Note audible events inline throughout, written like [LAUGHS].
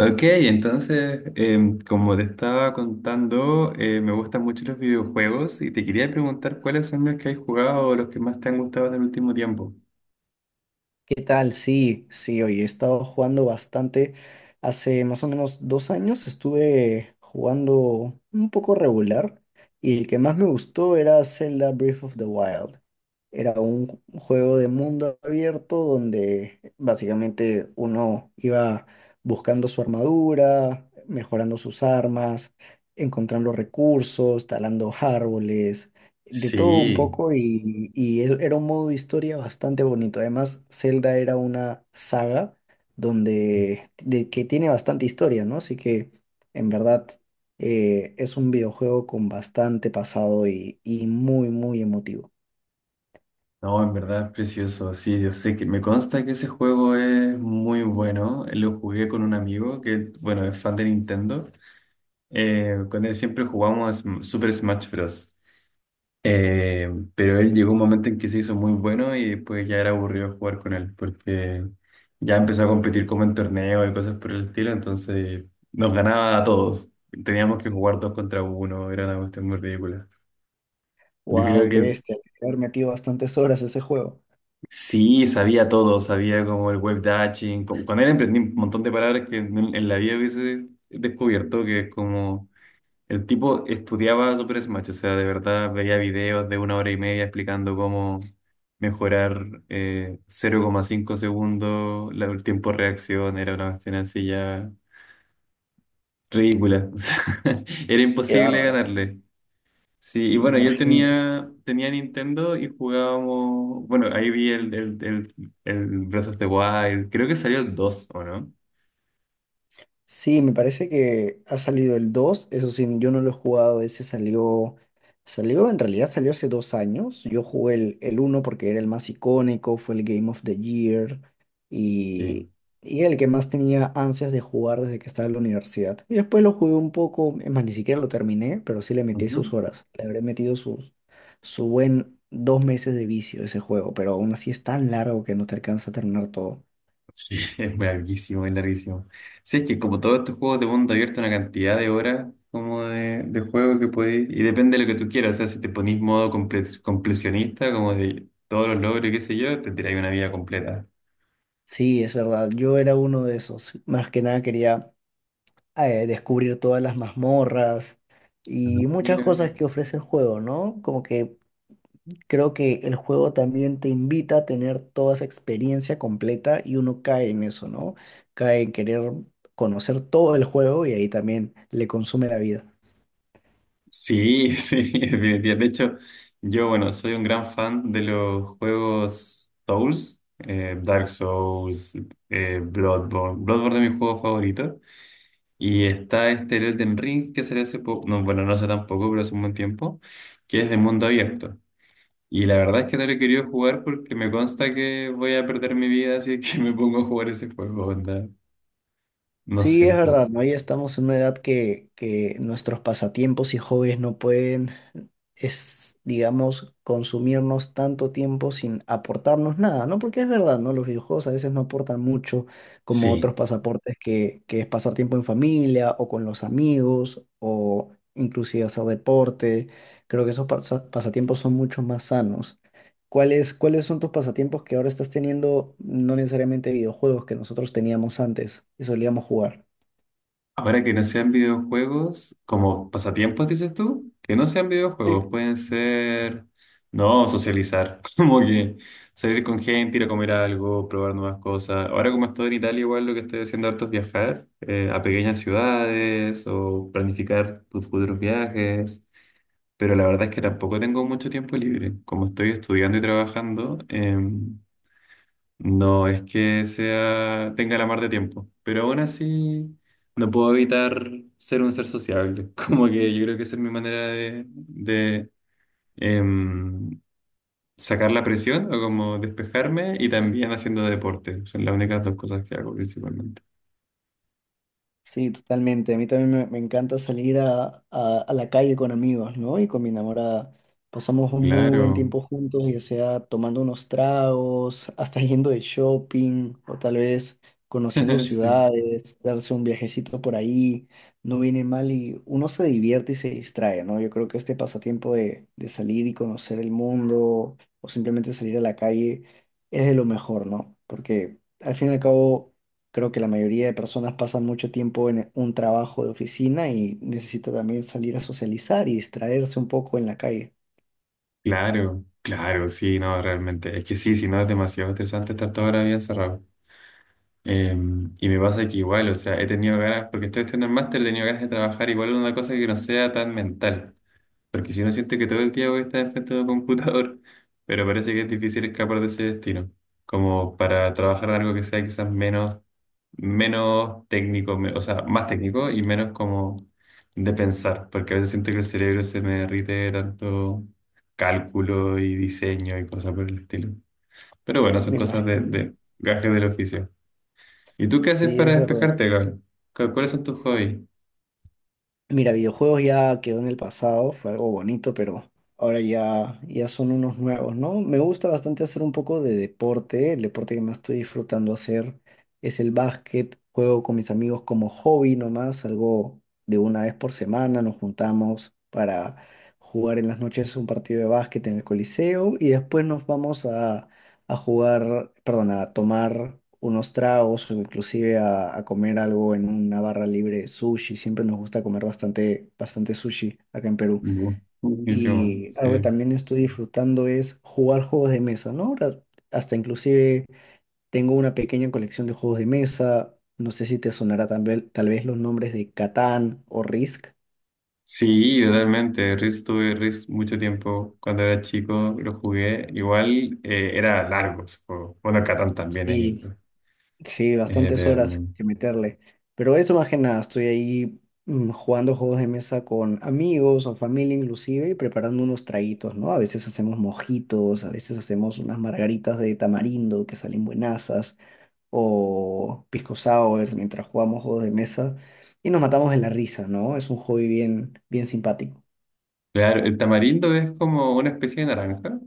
Ok, entonces, como te estaba contando, me gustan mucho los videojuegos y te quería preguntar cuáles son los que has jugado o los que más te han gustado en el último tiempo. ¿Qué tal? Sí, sí, oye, he estado jugando bastante. Hace más o menos 2 años estuve jugando un poco regular y el que más me gustó era Zelda Breath of the Wild. Era un juego de mundo abierto donde básicamente uno iba buscando su armadura, mejorando sus armas, encontrando recursos, talando árboles de todo un Sí, poco y era un modo de historia bastante bonito. Además, Zelda era una saga que tiene bastante historia, ¿no? Así que en verdad es un videojuego con bastante pasado y muy, muy emotivo. no, en verdad es precioso. Sí, yo sé que me consta que ese juego es muy bueno. Lo jugué con un amigo que, bueno, es fan de Nintendo. Con él siempre jugamos Super Smash Bros. Pero él llegó un momento en que se hizo muy bueno y después ya era aburrido jugar con él porque ya empezó a competir como en torneos y cosas por el estilo, entonces nos ganaba a todos. Teníamos que jugar dos contra uno, era una cuestión muy ridícula. Yo creo ¡Wow! ¡Qué que bestia! Haber metido bastantes horas a ese juego. sí, sabía todo, sabía como el web dashing, con él emprendí un montón de palabras que en la vida hubiese descubierto, que es como. El tipo estudiaba Super Smash, o sea, de verdad veía videos de una hora y media explicando cómo mejorar cero coma cinco segundos el tiempo de reacción, era una cuestión así ya ridícula. [LAUGHS] O sea, era ¡Qué imposible bárbaro! ganarle. Sí, y Me bueno, yo imagino. tenía, tenía Nintendo y jugábamos, bueno, ahí vi el Breath of the Wild, creo que salió el dos, ¿o no? Sí, me parece que ha salido el 2. Eso sí, yo no lo he jugado, ese salió, salió, en realidad salió hace 2 años, yo jugué el uno porque era el más icónico, fue el Game of the Year Sí. y, y el que más tenía ansias de jugar desde que estaba en la universidad. Y después lo jugué un poco, es más, ni siquiera lo terminé, pero sí le metí sus Ujú. horas, le habré metido sus, su buen 2 meses de vicio a ese juego, pero aún así es tan largo que no te alcanza a terminar todo. Sí, [LAUGHS] es larguísimo, es larguísimo. Sí, es que como todos estos juegos de mundo abierto, una cantidad de horas como de juego que podéis. Y depende de lo que tú quieras. O sea, si te ponís modo completionista, como de todos los logros y qué sé yo, te tiráis una vida completa. Sí, es verdad. Yo era uno de esos. Más que nada quería descubrir todas las mazmorras Ah, y muchas mira. cosas que ofrece el juego, ¿no? Como que creo que el juego también te invita a tener toda esa experiencia completa y uno cae en eso, ¿no? Cae en querer conocer todo el juego y ahí también le consume la vida. Sí, [LAUGHS] sí, definitivamente. De hecho, yo, bueno, soy un gran fan de los juegos Souls, Dark Souls, Bloodborne. Bloodborne es mi juego favorito. Y está este el Elden Ring que salió hace poco, no, bueno, no hace tampoco, pero hace un buen tiempo, que es de mundo abierto. Y la verdad es que no lo he querido jugar porque me consta que voy a perder mi vida, así que [LAUGHS] me pongo a jugar ese juego, onda. No Sí, es sé. Verdad, ¿no? Ya estamos en una edad que nuestros pasatiempos y hobbies no pueden es, digamos, consumirnos tanto tiempo sin aportarnos nada, ¿no? Porque es verdad, ¿no? Los videojuegos a veces no aportan mucho, como otros Sí, pasaportes que es pasar tiempo en familia o con los amigos o inclusive hacer deporte. Creo que esos pasatiempos son mucho más sanos. ¿Cuáles, cuáles son tus pasatiempos que ahora estás teniendo, no necesariamente videojuegos que nosotros teníamos antes y solíamos jugar? ahora que no sean videojuegos, como pasatiempos, dices tú, que no sean videojuegos, pueden ser, no, socializar, [LAUGHS] como que salir con gente, ir a comer algo, probar nuevas cosas. Ahora como estoy en Italia, igual lo que estoy haciendo harto es viajar, a pequeñas ciudades o planificar tus futuros viajes, pero la verdad es que tampoco tengo mucho tiempo libre. Como estoy estudiando y trabajando, no es que sea, tenga la mar de tiempo, pero aún así no puedo evitar ser un ser sociable. [LAUGHS] Como que yo creo que esa es mi manera de, em, sacar la presión o como despejarme y también haciendo deporte. Son las únicas dos cosas que hago principalmente. Sí, totalmente. A mí también me encanta salir a, a la calle con amigos, ¿no? Y con mi enamorada. Pasamos un muy buen Claro, tiempo juntos, ya sea tomando unos tragos, hasta yendo de shopping, o tal vez conociendo [LAUGHS] sí, ciudades, darse un viajecito por ahí. No viene mal y uno se divierte y se distrae, ¿no? Yo creo que este pasatiempo de salir y conocer el mundo o simplemente salir a la calle es de lo mejor, ¿no? Porque al fin y al cabo creo que la mayoría de personas pasan mucho tiempo en un trabajo de oficina y necesita también salir a socializar y distraerse un poco en la calle, claro, claro, sí, no, realmente. Es que sí, si no es demasiado estresante estar toda la vida encerrado. Eh, y me pasa que igual, o sea, he tenido ganas, porque estoy estudiando el máster, he tenido ganas de trabajar igual en una cosa que no sea tan mental. Porque si no siento que todo el día voy a estar frente a un computador, [LAUGHS] pero parece que es difícil escapar de ese destino. Como para trabajar en algo que sea quizás menos, menos técnico, o sea, más técnico y menos como de pensar. Porque a veces siento que el cerebro se me derrite de tanto cálculo y diseño y cosas por el estilo. Pero bueno, son me cosas imagino. de gajes del oficio. ¿Y tú qué haces Sí, para es verdad. despejarte, Gabriel? ¿Cuáles son tus hobbies? Mira, videojuegos ya quedó en el pasado, fue algo bonito, pero ahora ya, ya son unos nuevos, ¿no? Me gusta bastante hacer un poco de deporte. El deporte que más estoy disfrutando hacer es el básquet. Juego con mis amigos como hobby nomás, algo de una vez por semana. Nos juntamos para jugar en las noches un partido de básquet en el Coliseo y después nos vamos a a tomar unos tragos o inclusive a comer algo en una barra libre, sushi. Siempre nos gusta comer bastante, bastante sushi acá en Perú. Bu- Buenísimo, Y sí. algo que también estoy disfrutando es jugar juegos de mesa, ¿no? Ahora, hasta inclusive tengo una pequeña colección de juegos de mesa. No sé si te sonará tal vez los nombres de Catán o Risk. Sí, totalmente. Risk, tuve Risk mucho tiempo. Cuando era chico lo jugué. Igual, era largo ese juego. Bueno, Catán también es Y eterno, sí, es bastantes horas eterno. que meterle. Pero eso más que nada, estoy ahí jugando juegos de mesa con amigos o familia inclusive y preparando unos traguitos, ¿no? A veces hacemos mojitos, a veces hacemos unas margaritas de tamarindo que salen buenazas o pisco sours mientras jugamos juegos de mesa y nos matamos de la risa, ¿no? Es un hobby bien, bien simpático. Claro, el tamarindo es como una especie de naranja.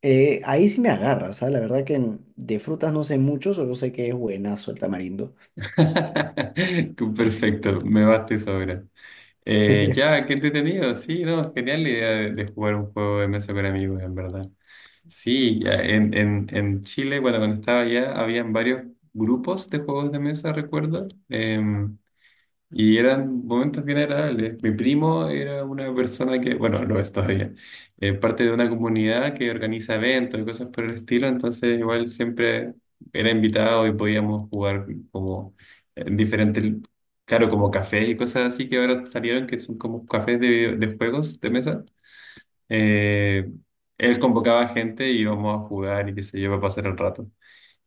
Ahí sí me agarras, ¿sabes? La verdad que en- de frutas no sé mucho, solo sé que es buenazo el tamarindo. [LAUGHS] Perfecto, me basta y sobra. Ya, [LAUGHS] qué entretenido. Sí, no, genial la idea de jugar un juego de mesa con amigos, en verdad. Sí, ya en Chile, bueno, cuando estaba allá, habían varios grupos de juegos de mesa, recuerdo, y eran momentos bien agradables. Mi primo era una persona que, bueno, lo es todavía, parte de una comunidad que organiza eventos y cosas por el estilo, entonces igual siempre era invitado y podíamos jugar como en diferentes, claro, como cafés y cosas así que ahora salieron, que son como cafés de juegos de mesa. Eh, Él convocaba gente y íbamos a jugar y qué sé yo, para pasar el rato.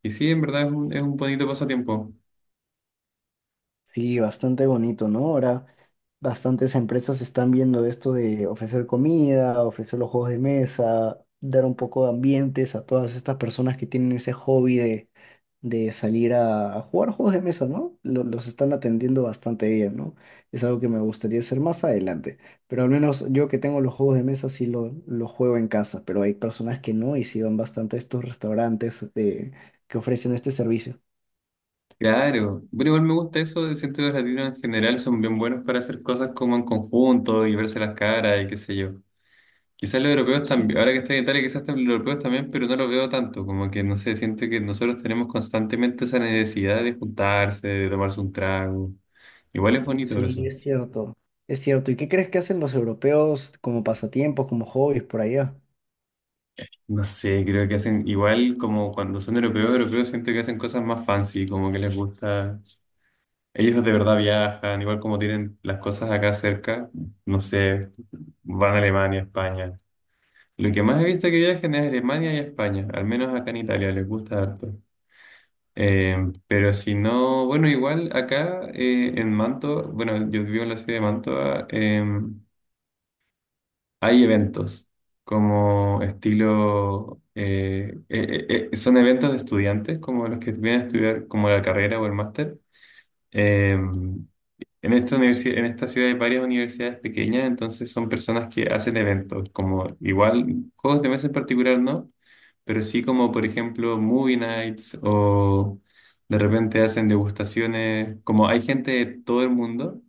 Y sí, en verdad es un bonito pasatiempo. Sí, bastante bonito, ¿no? Ahora bastantes empresas están viendo esto de ofrecer comida, ofrecer los juegos de mesa, dar un poco de ambientes a todas estas personas que tienen ese hobby de salir a jugar juegos de mesa, ¿no? Los están atendiendo bastante bien, ¿no? Es algo que me gustaría hacer más adelante, pero al menos yo que tengo los juegos de mesa sí los juego en casa, pero hay personas que no y sí van bastante a estos restaurantes de, que ofrecen este servicio. Claro, pero igual me gusta eso, de siento que los latinos en general son bien buenos para hacer cosas como en conjunto y verse las caras y qué sé yo. Quizás los europeos también, ahora que estoy en Italia, quizás los europeos también, pero no lo veo tanto, como que no sé, siento que nosotros tenemos constantemente esa necesidad de juntarse, de tomarse un trago. Igual es bonito Sí, eso. es cierto. Es cierto. ¿Y qué crees que hacen los europeos como pasatiempos, como hobbies por allá? No sé, creo que hacen igual como cuando son europeos, europeos siento que hacen cosas más fancy, como que les gusta. Ellos de verdad viajan, igual como tienen las cosas acá cerca, no sé, van a Alemania, España. Lo que más he visto que viajan es Alemania y España, al menos acá en Italia, les gusta harto. Eh, pero si no, bueno, igual acá, en Manto, bueno, yo vivo en la ciudad de Manto, ah, hay eventos como estilo, son eventos de estudiantes como los que vienen a estudiar como la carrera o el máster. Eh, en esta universidad, en esta ciudad hay varias universidades pequeñas, entonces son personas que hacen eventos, como igual juegos de mesa en particular no, pero sí como por ejemplo movie nights o de repente hacen degustaciones, como hay gente de todo el mundo.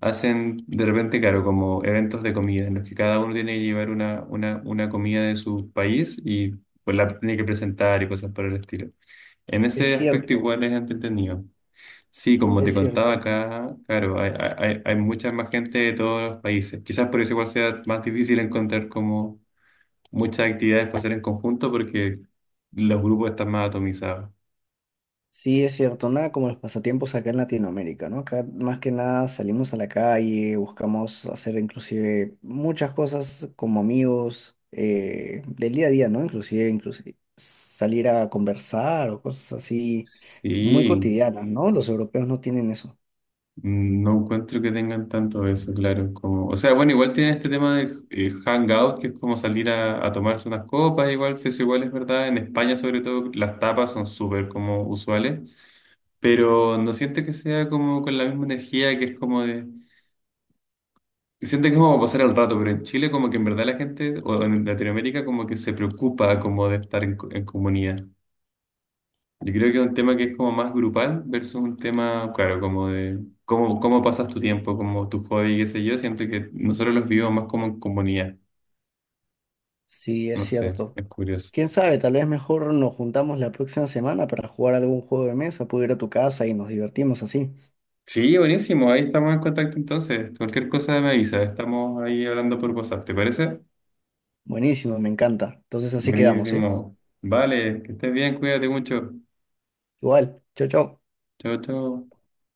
Hacen de repente, claro, como eventos de comida, en los que cada uno tiene que llevar una comida de su país y pues la tiene que presentar y cosas por el estilo. En Es ese aspecto cierto, igual es entretenido. Sí, como te es contaba cierto. acá, claro, hay mucha más gente de todos los países. Quizás por eso igual sea más difícil encontrar como muchas actividades para hacer en conjunto porque los grupos están más atomizados. Sí, es cierto. Nada como los pasatiempos acá en Latinoamérica, ¿no? Acá más que nada salimos a la calle, buscamos hacer inclusive muchas cosas como amigos del día a día, ¿no? Inclusive, inclusive salir a conversar o cosas así muy Sí, cotidianas, ¿no? Los europeos no tienen eso. mm, no encuentro que tengan tanto eso, claro. Como, o sea, bueno, igual tiene este tema del hangout, que es como salir a tomarse unas copas, igual, si eso igual es verdad. En España, sobre todo, las tapas son súper como usuales, pero no siento que sea como con la misma energía que es como de... Siento que es como pasar el rato, pero en Chile como que en verdad la gente, o en Latinoamérica, como que se preocupa como de estar en, en comunidad. Yo creo que es un tema que es como más grupal versus un tema, claro, como de cómo, cómo pasas tu tiempo, como tu hobby, qué sé yo. Siento que nosotros los vivimos más como en comunidad. Sí, es No sé, cierto. es curioso. Quién sabe, tal vez mejor nos juntamos la próxima semana para jugar algún juego de mesa, puedo ir a tu casa y nos divertimos así. Sí, buenísimo. Ahí estamos en contacto entonces. Cualquier cosa me avisa. Estamos ahí hablando por WhatsApp. ¿Te parece? Buenísimo, me encanta. Entonces así quedamos, ¿eh? Buenísimo. Vale, que estés bien. Cuídate mucho. Igual, chau, chau. Chao, chao.